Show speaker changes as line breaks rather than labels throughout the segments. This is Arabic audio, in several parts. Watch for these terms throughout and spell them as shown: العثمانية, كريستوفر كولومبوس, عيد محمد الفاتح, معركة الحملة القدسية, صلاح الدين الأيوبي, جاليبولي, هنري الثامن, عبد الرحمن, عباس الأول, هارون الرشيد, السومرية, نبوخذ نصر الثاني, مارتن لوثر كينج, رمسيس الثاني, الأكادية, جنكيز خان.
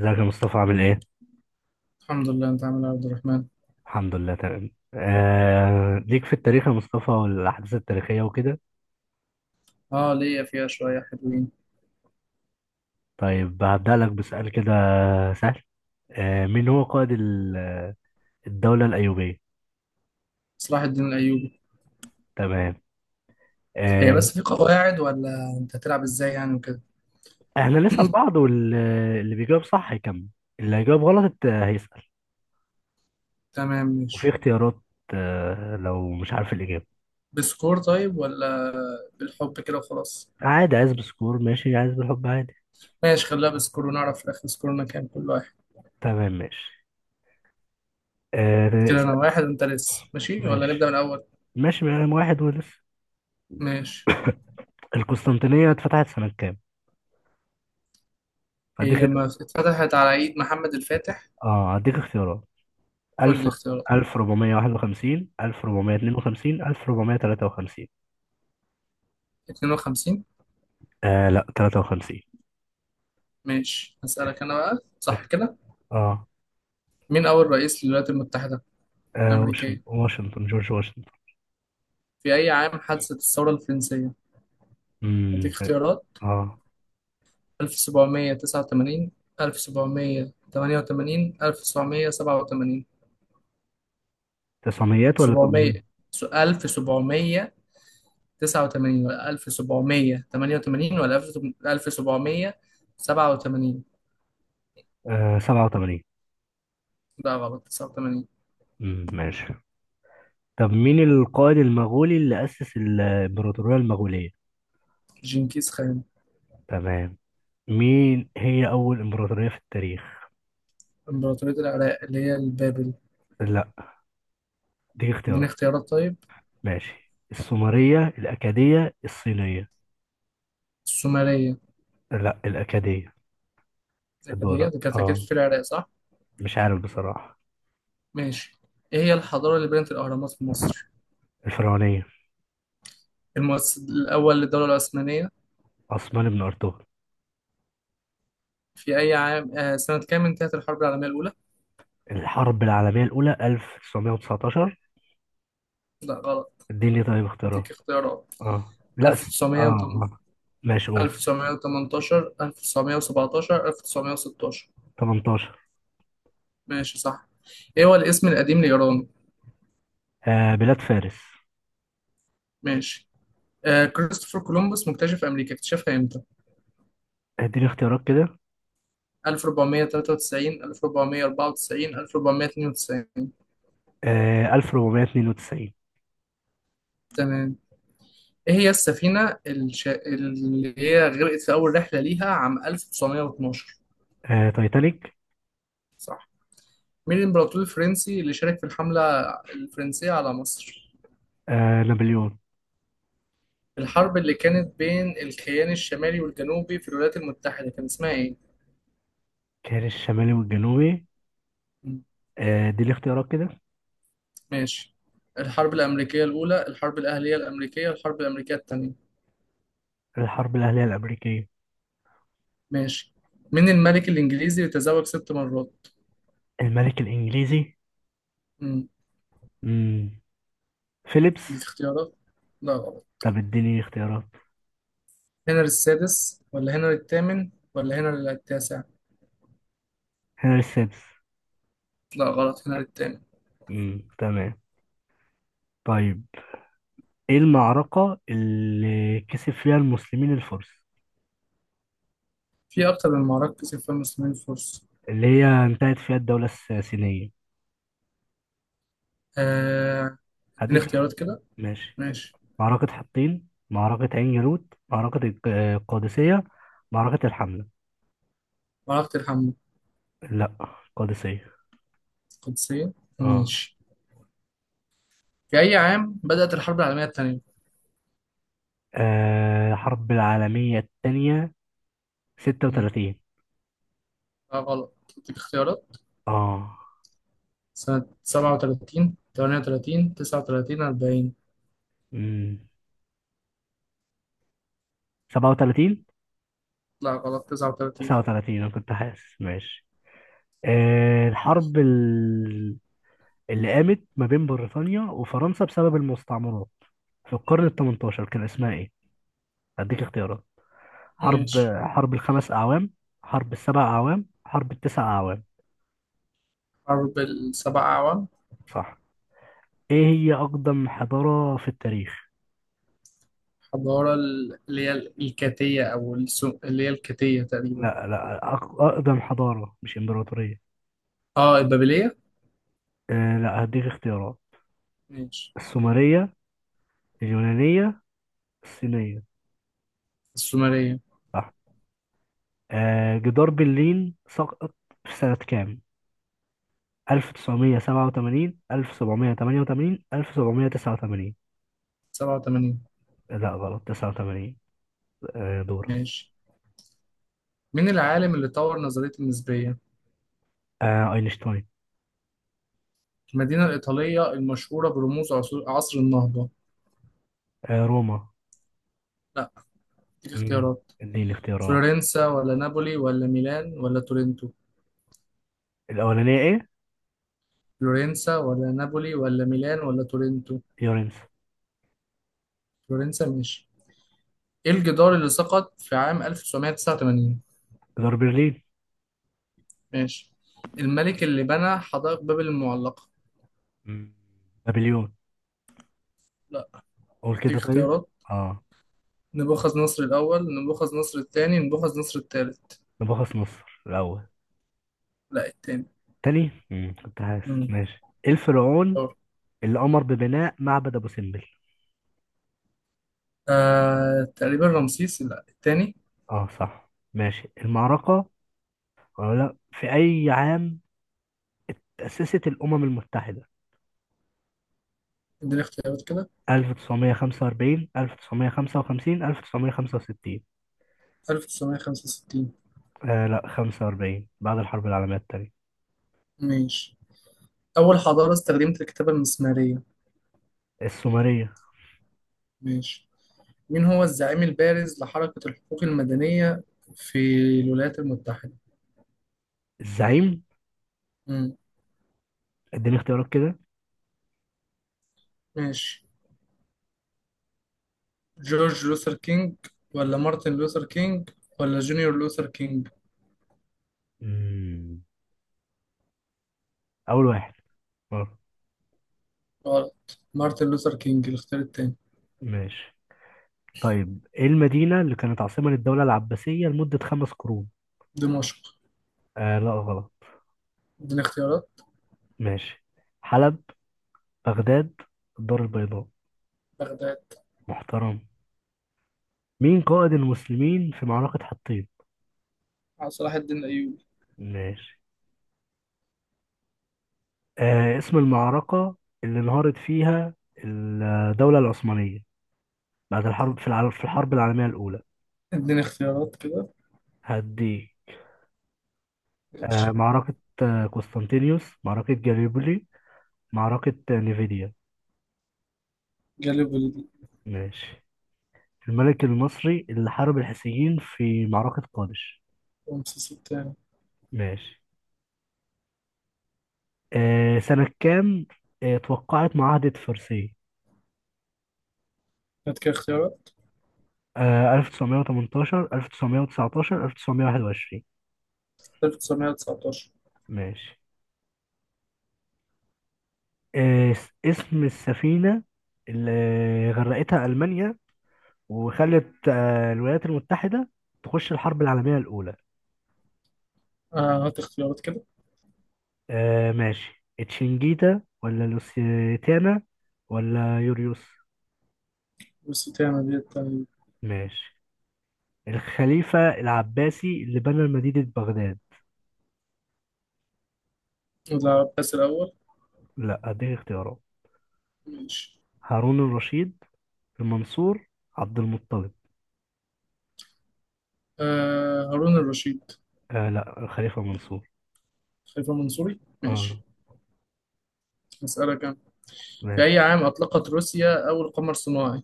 ازيك يا مصطفى عامل ايه؟
الحمد لله، انت عامل إيه يا عبد الرحمن؟
الحمد لله تمام. ليك في التاريخ يا مصطفى والأحداث التاريخية وكده.
اه، ليا فيها شويه حلوين.
طيب هبدأ لك بسؤال كده سهل. مين هو قائد الدولة الأيوبية؟
صلاح الدين الايوبي.
تمام.
هي
آه...
بس في قواعد ولا انت هتلعب ازاي يعني وكده؟
احنا نسأل بعض واللي بيجاوب صح هيكمل، اللي هيجاوب غلط هيسأل.
تمام
وفي
ماشي.
اختيارات لو مش عارف الإجابة.
بسكور طيب ولا بالحب كده وخلاص؟
عادي، عايز بسكور ماشي، عايز بالحب عادي.
ماشي، خليها بسكور ونعرف في الاخر سكورنا كام كل واحد.
تمام ماشي. آه...
كده انا
س-
واحد، انت لسه ماشي ولا نبدا
ماشي.
من الاول؟
ماشي بقى، واحد ولسه.
ماشي.
القسطنطينية اتفتحت سنة كام؟
هي
هديك
ما اتفتحت على عيد محمد الفاتح.
اه هديك اختيارات. 1000،
والاختيارات؟
1451، 1452، 1453.
52.
لا، 53.
ماشي، هسألك انا بقى صح كده.
اه,
مين اول رئيس للولايات المتحده
واشنطن
الامريكيه؟
واشنطن جورج واشنطن.
في اي عام حدثت الثوره الفرنسيه؟
امم
أديك اختيارات.
اه
1789، 1788، 1787.
تسعميات ولا
700.
800.
1789 ولا 1788 ولا 1787؟
87.
لا غلط، 89.
ماشي. طب مين القائد المغولي اللي أسس الإمبراطورية المغولية؟
جنكيز خان.
تمام. مين هي أول إمبراطورية في التاريخ؟
إمبراطورية العراق اللي هي البابل.
لا، دي
اديني
اختيارات.
اختيارات طيب.
ماشي، السومرية، الأكادية، الصينية.
السومرية.
لا، الأكادية.
الأكادية
الدولار
دي كانت أكيد في العراق صح؟
مش عارف بصراحة.
ماشي. إيه هي الحضارة اللي بنت الأهرامات في مصر؟
الفرعونية.
المؤسس الأول للدولة العثمانية.
عثمان بن أرطغرل.
في أي عام، سنة كام انتهت الحرب العالمية الأولى؟
الحرب العالمية الأولى 1919.
لا غلط،
اديني طيب
أديك
اختيارات.
اختيارات.
اه لا، س... اه
1908،
اه ماشي، قول.
1918، 1917، 1916.
18.
ماشي صح. إيه هو الاسم القديم لإيران؟
بلاد فارس.
ماشي. كريستوفر كولومبوس مكتشف أمريكا اكتشفها إمتى؟
اديني اختيارات كده.
1493، 1494، 1492.
1492.
تمام. إيه هي السفينة اللي هي غرقت في أول رحلة ليها عام 1912.
تايتانيك.
مين الإمبراطور الفرنسي اللي شارك في الحملة الفرنسية على مصر؟
نابليون.
الحرب اللي كانت بين الكيان الشمالي والجنوبي في الولايات المتحدة كان اسمها إيه؟
كان الشمالي والجنوبي.
مم.
اديني اختيارات كده.
ماشي. الحرب الأمريكية الأولى، الحرب الأهلية الأمريكية، الحرب الأمريكية التانية.
الحرب الأهلية الأمريكية.
ماشي. مين الملك الإنجليزي اللي تزوج ست مرات؟
الملك الإنجليزي.
مم.
مم. فيليبس.
دي اختيارات؟ لا غلط.
طب اديني اختيارات.
هنري السادس ولا هنري الثامن ولا هنري التاسع؟
هنري السادس.
لا غلط، هنري الثامن.
تمام. طيب، ايه المعركة اللي كسب فيها المسلمين الفرس،
في أكتر من معركة كسب فيها المسلمين الفرس.
اللي هي انتهت فيها الدولة الساسانية؟
آه، اديني
هديك
اختيارات كده.
ماشي.
ماشي.
معركة حطين، معركة عين جالوت، معركة القادسية، معركة الحملة.
معركة الحملة.
لا، القادسية.
القدسية.
اه.
ماشي. في أي عام بدأت الحرب العالمية الثانية؟
الحرب العالمية التانية ستة
مم.
وتلاتين
لا غلط، أديك اختيارات.
اه
سنة 37، 38، 39، 40.
امم 37.
لا غلط، 39.
39، أنا كنت حاسس ماشي. الحرب اللي قامت ما بين بريطانيا وفرنسا بسبب المستعمرات في القرن ال 18 كان اسمها ايه؟ هديك اختيارات. حرب
ماشي.
حرب الخمس أعوام، حرب السبع أعوام، حرب التسع أعوام.
حرب السبع أعوام.
صح. ايه هي أقدم حضارة في التاريخ؟
حضارة اللي هي الكاتية أو اللي هي الكاتية تقريبا.
لا، لا، أقدم حضارة مش إمبراطورية.
اه، البابلية.
لا، هديك اختيارات.
ماشي.
السومرية، اليونانية، الصينية.
السومرية.
صح. جدار برلين سقط في سنة كام؟ 1987، 1788، 1789.
87.
لا غلط، 89. دورة.
ماشي. مين العالم اللي طور نظرية النسبية؟
اينشتاين.
المدينة الإيطالية المشهورة برموز عصر النهضة.
روما.
لا، اديك
مم.
اختيارات.
اديني اختيارات.
فلورنسا ولا نابولي ولا ميلان ولا تورنتو.
الاولانية ايه؟
فلورنسا ولا نابولي ولا ميلان ولا تورنتو.
يورينس.
فلورنسا ماشي. ايه الجدار اللي سقط في عام 1989؟
دار برلين.
ماشي. الملك اللي بنى حدائق بابل المعلقة.
مم. نابليون.
لا.
قول
دي
كده طيب.
اختيارات.
اه
نبوخذ نصر الأول، نبوخذ نصر الثاني، نبوخذ نصر الثالث.
نبخس مصر الاول.
لا، الثاني.
تاني. كنت حاسس
امم
ماشي. إيه الفرعون
دور.
اللي امر ببناء معبد ابو سمبل؟
تقريبا رمسيس، لا الثاني.
اه صح ماشي، المعركة. ولا لا، في اي عام تأسست الامم المتحدة؟
اديني اختيارات كده.
1945، 1955، 1965.
1965.
لا، 45، بعد الحرب العالمية التانية.
ماشي. أول حضارة استخدمت الكتابة المسمارية.
السومرية.
ماشي. مين هو الزعيم البارز لحركة الحقوق المدنية في الولايات المتحدة؟
الزعيم.
مم.
اديني اختيارات كده.
ماشي. جورج لوثر كينج ولا مارتن لوثر كينج ولا جونيور لوثر كينج؟
مم. أول واحد. آه،
غلط، مارتن لوثر كينج، الاختيار التاني.
ماشي. طيب ايه المدينة اللي كانت عاصمة للدولة العباسية لمدة خمس قرون؟
دمشق.
لا غلط.
اديني اختيارات.
ماشي، حلب، بغداد، الدار البيضاء.
بغداد.
محترم. مين قائد المسلمين في معركة حطين؟
على صلاح الدين الأيوبي.
ماشي. اسم المعركة اللي انهارت فيها الدولة العثمانية بعد الحرب العالمية الأولى.
اديني اختيارات كده.
هدي.
ماشي.
معركة قسطنطينيوس، معركة جاليبولي، معركة نيفيديا.
جاليبولي.
ماشي. الملك المصري اللي حارب الحيثيين في معركة قادش.
رمسيس التاني.
ماشي. سنة كام توقعت معاهدة فرساي؟
هات كده اختيارات.
1918، 1919، 1921.
1919.
ماشي. اسم السفينة اللي غرقتها ألمانيا وخلت الولايات المتحدة تخش الحرب العالمية الأولى.
هات اختيارات كده.
ماشي، تشنجيتا ولا لوسيتانا ولا يوريوس.
والستانة دي التانية.
ماشي. الخليفة العباسي اللي بنى مدينة بغداد.
وده عباس الأول.
لا، اديك اختيارات.
ماشي.
هارون الرشيد، المنصور، عبد المطلب.
آه، هارون الرشيد.
لا، الخليفة منصور.
خليفة منصوري
اه
ماشي. هسألك أنا. في
ماشي.
أي عام أطلقت روسيا أول قمر صناعي؟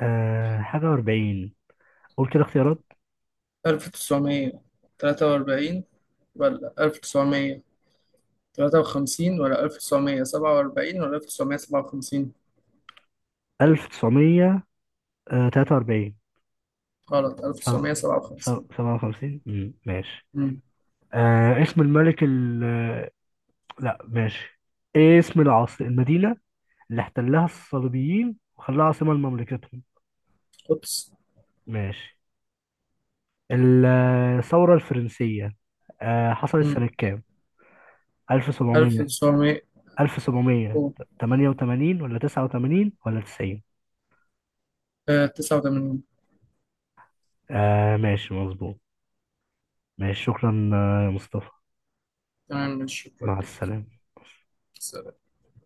حاجة وأربعين. قول كده اختيارات.
1943 ولا 1953 ولا 1947 ولا 1957؟
1900 43.
غلط، 1957.
57. ماشي.
امم.
اسم الملك ال آه، لا، ماشي. ايه اسم العاصمة المدينة اللي احتلها الصليبيين وخلاها عاصمة لمملكتهم؟
أوبس.
ماشي. ال- الثورة الفرنسية حصلت
امم
سنة كام؟ 1700،
1989.
1788 ولا 89 ولا 90. ماشي مظبوط. ماشي. شكرا يا مصطفى.
تمام ماشي، شكرا
مع
ليك.
السلامة.